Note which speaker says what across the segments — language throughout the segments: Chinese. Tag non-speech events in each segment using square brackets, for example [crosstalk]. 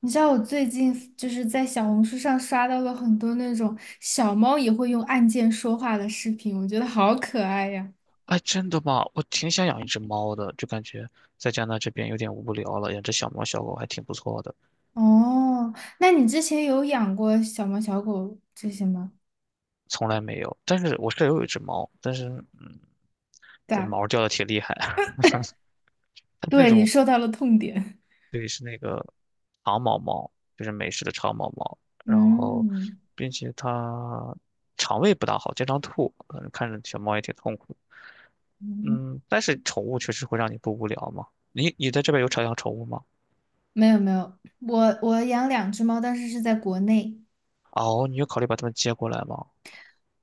Speaker 1: 你知道我最近就是在小红书上刷到了很多那种小猫也会用按键说话的视频，我觉得好可爱呀。
Speaker 2: 哎，真的吗？我挺想养一只猫的，就感觉在加拿大这边有点无聊了，养只小猫小狗还挺不错的。
Speaker 1: 哦，那你之前有养过小猫、小狗这些吗？
Speaker 2: 从来没有。但是我舍友有一只猫，但是
Speaker 1: 对
Speaker 2: 这
Speaker 1: 啊。
Speaker 2: 毛掉的挺厉害啊。[laughs] 它是那
Speaker 1: 对，你
Speaker 2: 种
Speaker 1: 说到了痛点。
Speaker 2: 对，是那个长毛猫，就是美式的长毛猫，然后
Speaker 1: [laughs]
Speaker 2: 并且它肠胃不大好，经常吐，反正看着小猫也挺痛苦。
Speaker 1: 嗯嗯。
Speaker 2: 嗯，但是宠物确实会让你不无聊嘛。你在这边有养宠物吗？
Speaker 1: 没有没有，我养两只猫，但是是在国内。
Speaker 2: 哦，你有考虑把它们接过来吗？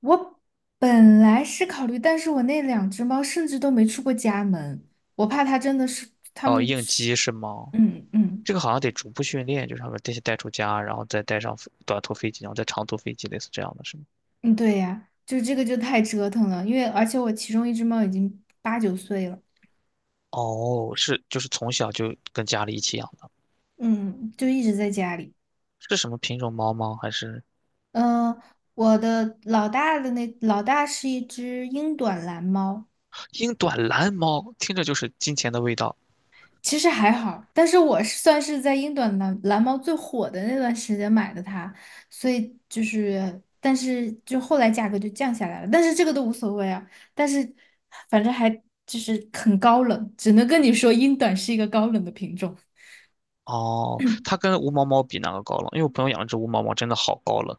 Speaker 1: 我本来是考虑，但是我那两只猫甚至都没出过家门，我怕它真的是它
Speaker 2: 哦，
Speaker 1: 们
Speaker 2: 应
Speaker 1: 是，
Speaker 2: 激是吗？
Speaker 1: 嗯嗯。
Speaker 2: 这个好像得逐步训练，就是他们先带出家，然后再带上飞短途飞机，然后再长途飞机，类似这样的是吗？
Speaker 1: 嗯，对呀，就这个就太折腾了，因为而且我其中一只猫已经八九岁了。
Speaker 2: 哦，是，就是从小就跟家里一起养的。
Speaker 1: 嗯，就一直在家里。
Speaker 2: 是什么品种猫吗？还是
Speaker 1: 嗯、我的老大的那老大是一只英短蓝猫。
Speaker 2: 英短蓝猫？听着就是金钱的味道。
Speaker 1: 其实还好，但是我是算是在英短蓝猫最火的那段时间买的它，所以就是，但是就后来价格就降下来了，但是这个都无所谓啊。但是反正还就是很高冷，只能跟你说英短是一个高冷的品种。
Speaker 2: 哦，它跟无毛猫比哪个高冷？因为我朋友养了只无毛猫，真的好高冷。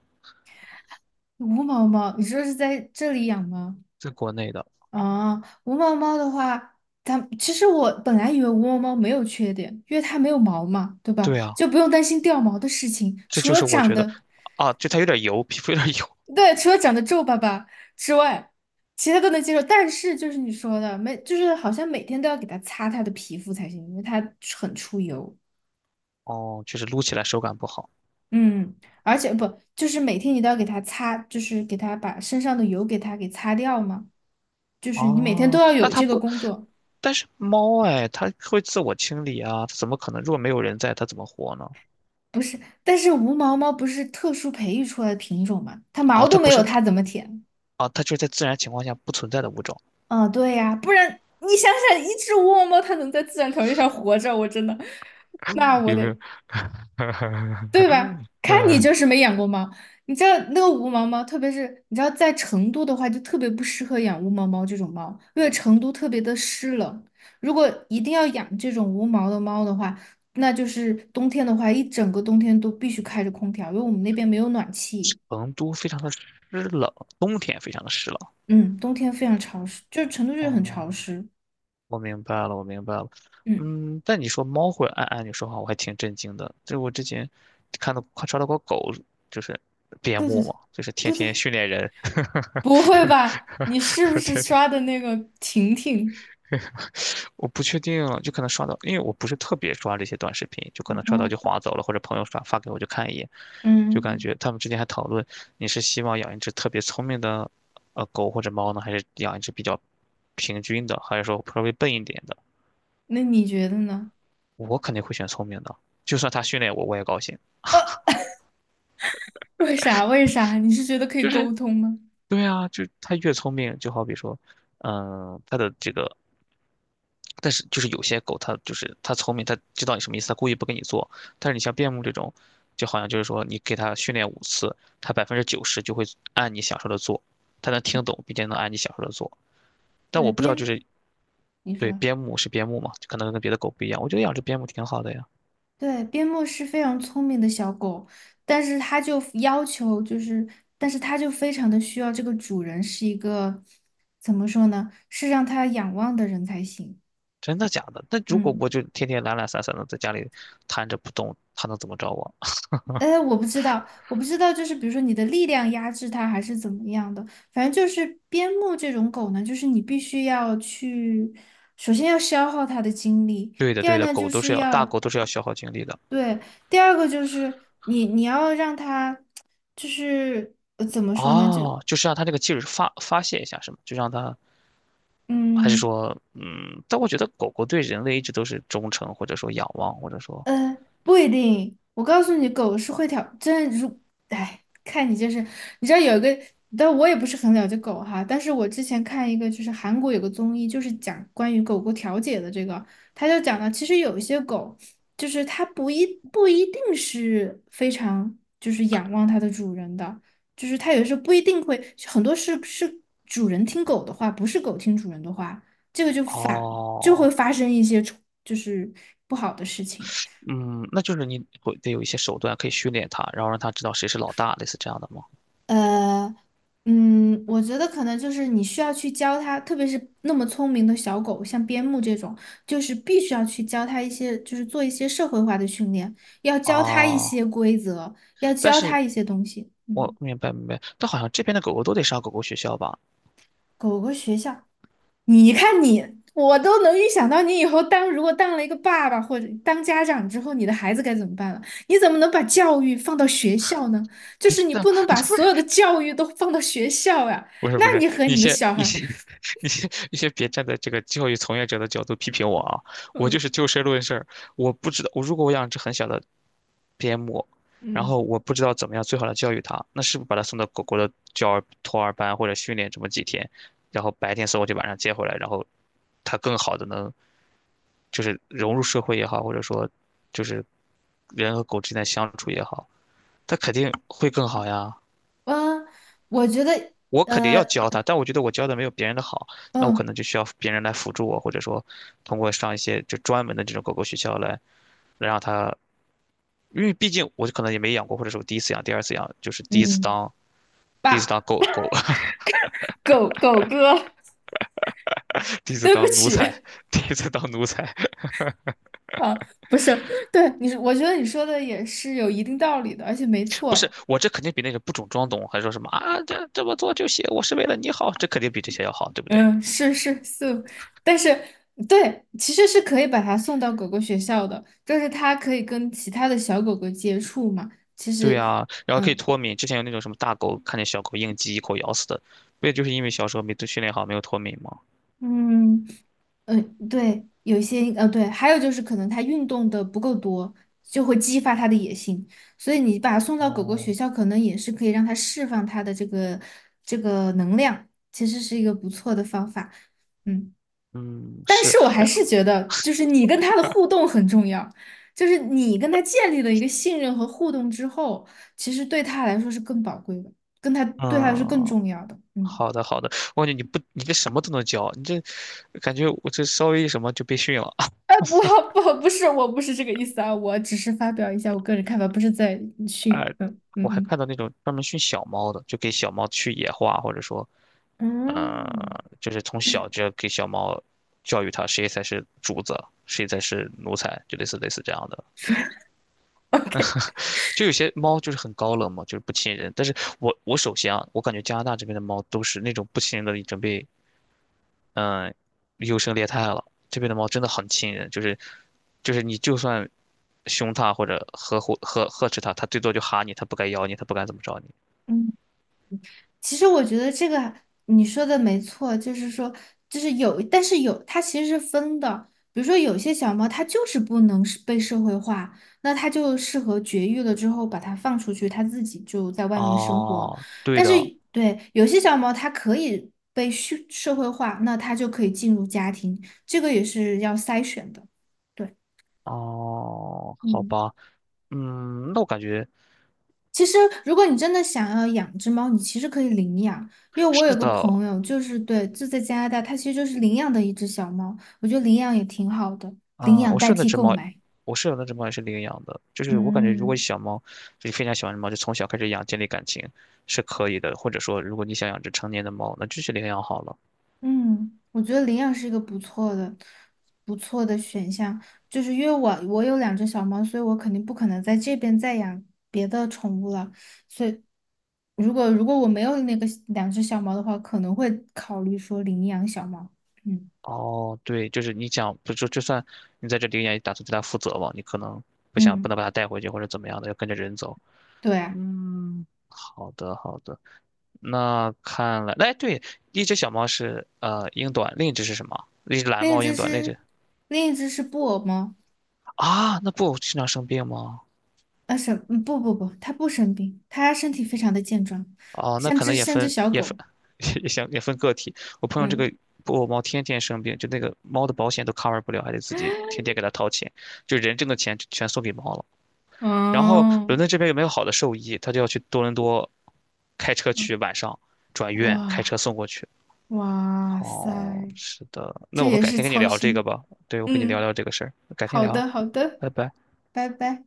Speaker 1: 无毛猫，你说是在这里养吗？
Speaker 2: 在国内的。
Speaker 1: 啊，无毛猫的话，它其实我本来以为无毛猫没有缺点，因为它没有毛嘛，对吧？
Speaker 2: 对啊，
Speaker 1: 就不用担心掉毛的事情，
Speaker 2: 这
Speaker 1: 除
Speaker 2: 就
Speaker 1: 了
Speaker 2: 是我
Speaker 1: 长
Speaker 2: 觉得，
Speaker 1: 得，
Speaker 2: 啊，就它有点油，皮肤有点油。
Speaker 1: 对，除了长得皱巴巴之外，其他都能接受。但是就是你说的，每就是好像每天都要给它擦它的皮肤才行，因为它很出油。
Speaker 2: 哦，就是撸起来手感不好。
Speaker 1: 嗯，而且不，就是每天你都要给它擦，就是给它把身上的油给它给擦掉嘛，就是你每天都
Speaker 2: 哦，
Speaker 1: 要
Speaker 2: 那
Speaker 1: 有
Speaker 2: 它
Speaker 1: 这个
Speaker 2: 不，
Speaker 1: 工作。
Speaker 2: 但是猫哎，它会自我清理啊，它怎么可能？如果没有人在，它怎么活呢？
Speaker 1: 不是，但是无毛猫不是特殊培育出来的品种吗？它毛
Speaker 2: 哦，它
Speaker 1: 都没
Speaker 2: 不
Speaker 1: 有，
Speaker 2: 是
Speaker 1: 它怎么舔？
Speaker 2: 啊，它就是在自然情况下不存在的物种。
Speaker 1: 嗯，对呀，不然你想想，一只无毛猫它能在自然条件下活着，我真的，那我
Speaker 2: 有没有？
Speaker 1: 得，
Speaker 2: [laughs]
Speaker 1: 对吧？看你
Speaker 2: 嗯，
Speaker 1: 就是没养过猫。你知道那个无毛猫，特别是你知道在成都的话，就特别不适合养无毛猫这种猫，因为成都特别的湿冷。如果一定要养这种无毛的猫的话，那就是冬天的话，一整个冬天都必须开着空调，因为我们那边没有暖气。
Speaker 2: 成都非常的湿冷，冬天非常的湿冷。
Speaker 1: 嗯，冬天非常潮湿，就是成都就是很潮
Speaker 2: 哦，
Speaker 1: 湿。
Speaker 2: 我明白了，我明白了。
Speaker 1: 嗯，
Speaker 2: 嗯，但你说猫会按按钮说话，我还挺震惊的。就我之前看到看刷到过狗，就是边
Speaker 1: 对对
Speaker 2: 牧
Speaker 1: 对
Speaker 2: 嘛，就是天
Speaker 1: 对对
Speaker 2: 天
Speaker 1: 对，
Speaker 2: 训练人。
Speaker 1: 不会吧？你是不
Speaker 2: [laughs]
Speaker 1: 是
Speaker 2: 天天
Speaker 1: 刷的那个婷婷？
Speaker 2: 我不确定，就可能刷到，因为我不是特别刷这些短视频，就可能刷到
Speaker 1: 嗯
Speaker 2: 就划走了，或者朋友刷发给我就看一眼，就感
Speaker 1: 嗯，
Speaker 2: 觉他们之间还讨论。你是希望养一只特别聪明的狗或者猫呢，还是养一只比较平均的，还是说稍微笨一点的？
Speaker 1: 那你觉得呢？
Speaker 2: 我肯定会选聪明的，就算它训练我，我也高兴。
Speaker 1: 呃 [laughs]，为啥？为啥？你是觉得可以
Speaker 2: 就
Speaker 1: 沟
Speaker 2: 是
Speaker 1: 通吗？
Speaker 2: 对啊，就它越聪明，就好比说，嗯，它的这个但是就是有些狗它就是它聪明，它知道你什么意思，它故意不跟你做。但是你像边牧这种，就好像就是说你给它训练5次，它90%就会按你想说的做，它能听懂，并且能按你想说的做。但
Speaker 1: 对，
Speaker 2: 我不知道就
Speaker 1: 边，
Speaker 2: 是
Speaker 1: 你
Speaker 2: 对
Speaker 1: 说，
Speaker 2: 边牧是边牧嘛，就可能跟别的狗不一样。我觉得养只边牧挺好的呀。
Speaker 1: 对，边牧是非常聪明的小狗，但是它就要求就是，但是它就非常的需要这个主人是一个，怎么说呢？是让它仰望的人才行。
Speaker 2: 真的假的？那如果
Speaker 1: 嗯。
Speaker 2: 我就天天懒懒散散的在家里瘫着不动，它能怎么着我？[laughs]
Speaker 1: 呃，我不知道，我不知道，就是比如说你的力量压制它，还是怎么样的。反正就是边牧这种狗呢，就是你必须要去，首先要消耗它的精力，
Speaker 2: 对的，
Speaker 1: 第二
Speaker 2: 对的，
Speaker 1: 呢
Speaker 2: 狗
Speaker 1: 就
Speaker 2: 都是
Speaker 1: 是
Speaker 2: 要大
Speaker 1: 要，
Speaker 2: 狗都是要消耗精力的。
Speaker 1: 对，第二个就是你要让它，就是怎么说呢，就
Speaker 2: 哦，就是让它这个劲儿发发泄一下，是吗？就让它还是
Speaker 1: 嗯。
Speaker 2: 说，嗯，但我觉得狗狗对人类一直都是忠诚，或者说仰望，或者说，
Speaker 1: 呃，不一定。我告诉你，狗是会调真的如，哎，看你就是，你知道有一个，但我也不是很了解狗哈。但是我之前看一个，就是韩国有个综艺，就是讲关于狗狗调解的这个，他就讲到，其实有一些狗，就是它不一定是非常就是仰望它的主人的，就是它有时候不一定会，很多是主人听狗的话，不是狗听主人的话，这个就反了，就会
Speaker 2: 哦，
Speaker 1: 发生一些冲就是不好的事情。
Speaker 2: 嗯，那就是你会得有一些手段可以训练它，然后让它知道谁是老大，类似这样的吗？
Speaker 1: 呃，嗯，我觉得可能就是你需要去教它，特别是那么聪明的小狗，像边牧这种，就是必须要去教它一些，就是做一些社会化的训练，要教它一
Speaker 2: 哦，
Speaker 1: 些规则，要
Speaker 2: 但
Speaker 1: 教
Speaker 2: 是
Speaker 1: 它一些东西。
Speaker 2: 我
Speaker 1: 嗯，
Speaker 2: 明白明白，但好像这边的狗狗都得上狗狗学校吧？
Speaker 1: 狗狗学校，你看你，我都能预想到你以后当如果当了一个爸爸或者当家长之后，你的孩子该怎么办了？你怎么能把教育放到学校呢？就是你
Speaker 2: 但
Speaker 1: 不能把所有
Speaker 2: [laughs]
Speaker 1: 的教育都放到学校呀、
Speaker 2: 不是
Speaker 1: 那
Speaker 2: 不是，
Speaker 1: 你和
Speaker 2: 你
Speaker 1: 你的
Speaker 2: 先
Speaker 1: 小
Speaker 2: 你
Speaker 1: 孩。
Speaker 2: 先 [laughs] 你先别站在这个教育从业者的角度批评我啊！
Speaker 1: [laughs]
Speaker 2: 我就
Speaker 1: 嗯
Speaker 2: 是就事论事儿，我不知道我如果我养只很小的边牧，然
Speaker 1: 嗯
Speaker 2: 后我不知道怎么样最好的教育它，那是不是把它送到狗狗的教儿托儿班或者训练这么几天，然后白天送过去，晚上接回来，然后它更好的能就是融入社会也好，或者说就是人和狗之间的相处也好，它肯定会更好呀。
Speaker 1: 嗯，我觉得
Speaker 2: 我肯定要
Speaker 1: 呃
Speaker 2: 教他，但我觉得我教的没有别人的好，那我可
Speaker 1: 嗯
Speaker 2: 能就需要别人来辅助我，或者说通过上一些就专门的这种狗狗学校来来让他，因为毕竟我可能也没养过，或者是我第一次养、第二次养，就是
Speaker 1: 嗯，
Speaker 2: 第一次当
Speaker 1: 爸，
Speaker 2: 狗狗。
Speaker 1: 狗狗哥，
Speaker 2: [laughs] 第一
Speaker 1: [laughs]
Speaker 2: 次
Speaker 1: 对不
Speaker 2: 当奴
Speaker 1: 起，
Speaker 2: 才，第一次当奴才。
Speaker 1: 啊，不是，对你，我觉得你说的也是有一定道理的，而且没
Speaker 2: 不是
Speaker 1: 错。
Speaker 2: 我这肯定比那个不懂装懂，还说什么啊这这么做就行，我是为了你好，这肯定比这些要好，对不对？
Speaker 1: 嗯,是是是，但是对，其实是可以把它送到狗狗学校的，就是它可以跟其他的小狗狗接触嘛。其
Speaker 2: 对
Speaker 1: 实，
Speaker 2: 呀，然后可以
Speaker 1: 嗯
Speaker 2: 脱敏，之前有那种什么大狗看见小狗应激一口咬死的，不也就是因为小时候没训练好，没有脱敏吗？
Speaker 1: 嗯。嗯，对，有一些，对，还有就是可能他运动的不够多，就会激发他的野性，所以你把他送到狗狗学
Speaker 2: 哦，
Speaker 1: 校，可能也是可以让他释放他的这个这个能量，其实是一个不错的方法。嗯，
Speaker 2: 嗯，
Speaker 1: 但
Speaker 2: 是，
Speaker 1: 是我还是觉得，就是你跟他的互动很重要，就是你跟他建立了一个信任和互动之后，其实对他来说是更宝贵的，跟他对他是更
Speaker 2: 嗯，
Speaker 1: 重要的，嗯。
Speaker 2: 好的，好的。我感觉你不，你这什么都能教，你这感觉我这稍微一什么就被训了。[laughs]
Speaker 1: [laughs] 不不,不是，我不是这个意思啊，我只是发表一下我个人看法，不是在
Speaker 2: 啊，
Speaker 1: 训。
Speaker 2: 我还
Speaker 1: 嗯
Speaker 2: 看到那种专门训小猫的，就给小猫去野化，或者说，
Speaker 1: 嗯
Speaker 2: 呃，
Speaker 1: 嗯
Speaker 2: 就是从小就要给小猫教育它谁才是主子，谁才是奴才，就类似这样的。
Speaker 1: ，OK，
Speaker 2: 就有些猫就是很高冷嘛，就是不亲人。但是我首先啊，我感觉加拿大这边的猫都是那种不亲人的，已经被嗯，优胜劣汰了。这边的猫真的很亲人，就是就是你就算凶它或者呵护呵呵斥它，它最多就哈你，它不敢咬你，它不敢怎么着你。
Speaker 1: 嗯。其实我觉得这个你说的没错，就是说，就是有，但是有，它其实是分的。比如说，有些小猫它就是不能是被社会化，那它就适合绝育了之后把它放出去，它自己就在外面生活。
Speaker 2: 哦，对
Speaker 1: 但是，
Speaker 2: 的。
Speaker 1: 对，有些小猫它可以被社会化，那它就可以进入家庭，这个也是要筛选的。对，
Speaker 2: 哦，好
Speaker 1: 嗯。
Speaker 2: 吧。嗯，那我感觉
Speaker 1: 其实，如果你真的想要养只猫，你其实可以领养。因为我有
Speaker 2: 是
Speaker 1: 个
Speaker 2: 的。
Speaker 1: 朋友，就是对，就在加拿大，他其实就是领养的一只小猫。我觉得领养也挺好的，领
Speaker 2: 嗯，
Speaker 1: 养
Speaker 2: 我
Speaker 1: 代
Speaker 2: 舍友那
Speaker 1: 替
Speaker 2: 只
Speaker 1: 购
Speaker 2: 猫，
Speaker 1: 买。
Speaker 2: 我舍友那只猫也是领养的，就是我感觉如果
Speaker 1: 嗯
Speaker 2: 小猫就是非常喜欢的猫，就从小开始养，建立感情是可以的，或者说如果你想养只成年的猫，那就去领养好了。
Speaker 1: 嗯，我觉得领养是一个不错的、不错的选项。就是因为我有两只小猫，所以我肯定不可能在这边再养别的宠物了。所以，如果我没有那个两只小猫的话，可能会考虑说领养小猫。嗯
Speaker 2: 哦，对，就是你讲，不就就算你在这里也打算对它负责嘛，你可能不想不
Speaker 1: 嗯，
Speaker 2: 能把它带回去或者怎么样的，要跟着人走。
Speaker 1: 对啊。
Speaker 2: 嗯，好的好的。那看来，哎，对，一只小猫是呃英短，另一只是什么？一只蓝
Speaker 1: 另一
Speaker 2: 猫英
Speaker 1: 只
Speaker 2: 短，另一
Speaker 1: 是
Speaker 2: 只
Speaker 1: 另一只是布偶猫。
Speaker 2: 啊，那不经常生病吗？
Speaker 1: 啊生嗯不，它不生病，它身体非常的健壮，
Speaker 2: 哦，那
Speaker 1: 像
Speaker 2: 可
Speaker 1: 只
Speaker 2: 能也
Speaker 1: 像只
Speaker 2: 分
Speaker 1: 小
Speaker 2: 也分
Speaker 1: 狗。
Speaker 2: [laughs] 也行也分个体。我朋友这
Speaker 1: 嗯
Speaker 2: 个布偶猫天天生病，就那个猫的保险都 cover 不了，还得自己天天给它掏钱，就人挣的钱全送给猫了。然后
Speaker 1: 哦，
Speaker 2: 伦敦这边有没有好的兽医，他就要去多伦多开车
Speaker 1: 嗯
Speaker 2: 去，晚上转院开车
Speaker 1: 哇
Speaker 2: 送过去。
Speaker 1: 哇塞，
Speaker 2: 哦，是的，那
Speaker 1: 这
Speaker 2: 我们
Speaker 1: 也
Speaker 2: 改
Speaker 1: 是
Speaker 2: 天跟你
Speaker 1: 操
Speaker 2: 聊这个
Speaker 1: 心。
Speaker 2: 吧。对，我跟你聊
Speaker 1: 嗯，
Speaker 2: 聊这个事儿，改天
Speaker 1: 好
Speaker 2: 聊。
Speaker 1: 的好的，
Speaker 2: 拜拜。
Speaker 1: 拜拜。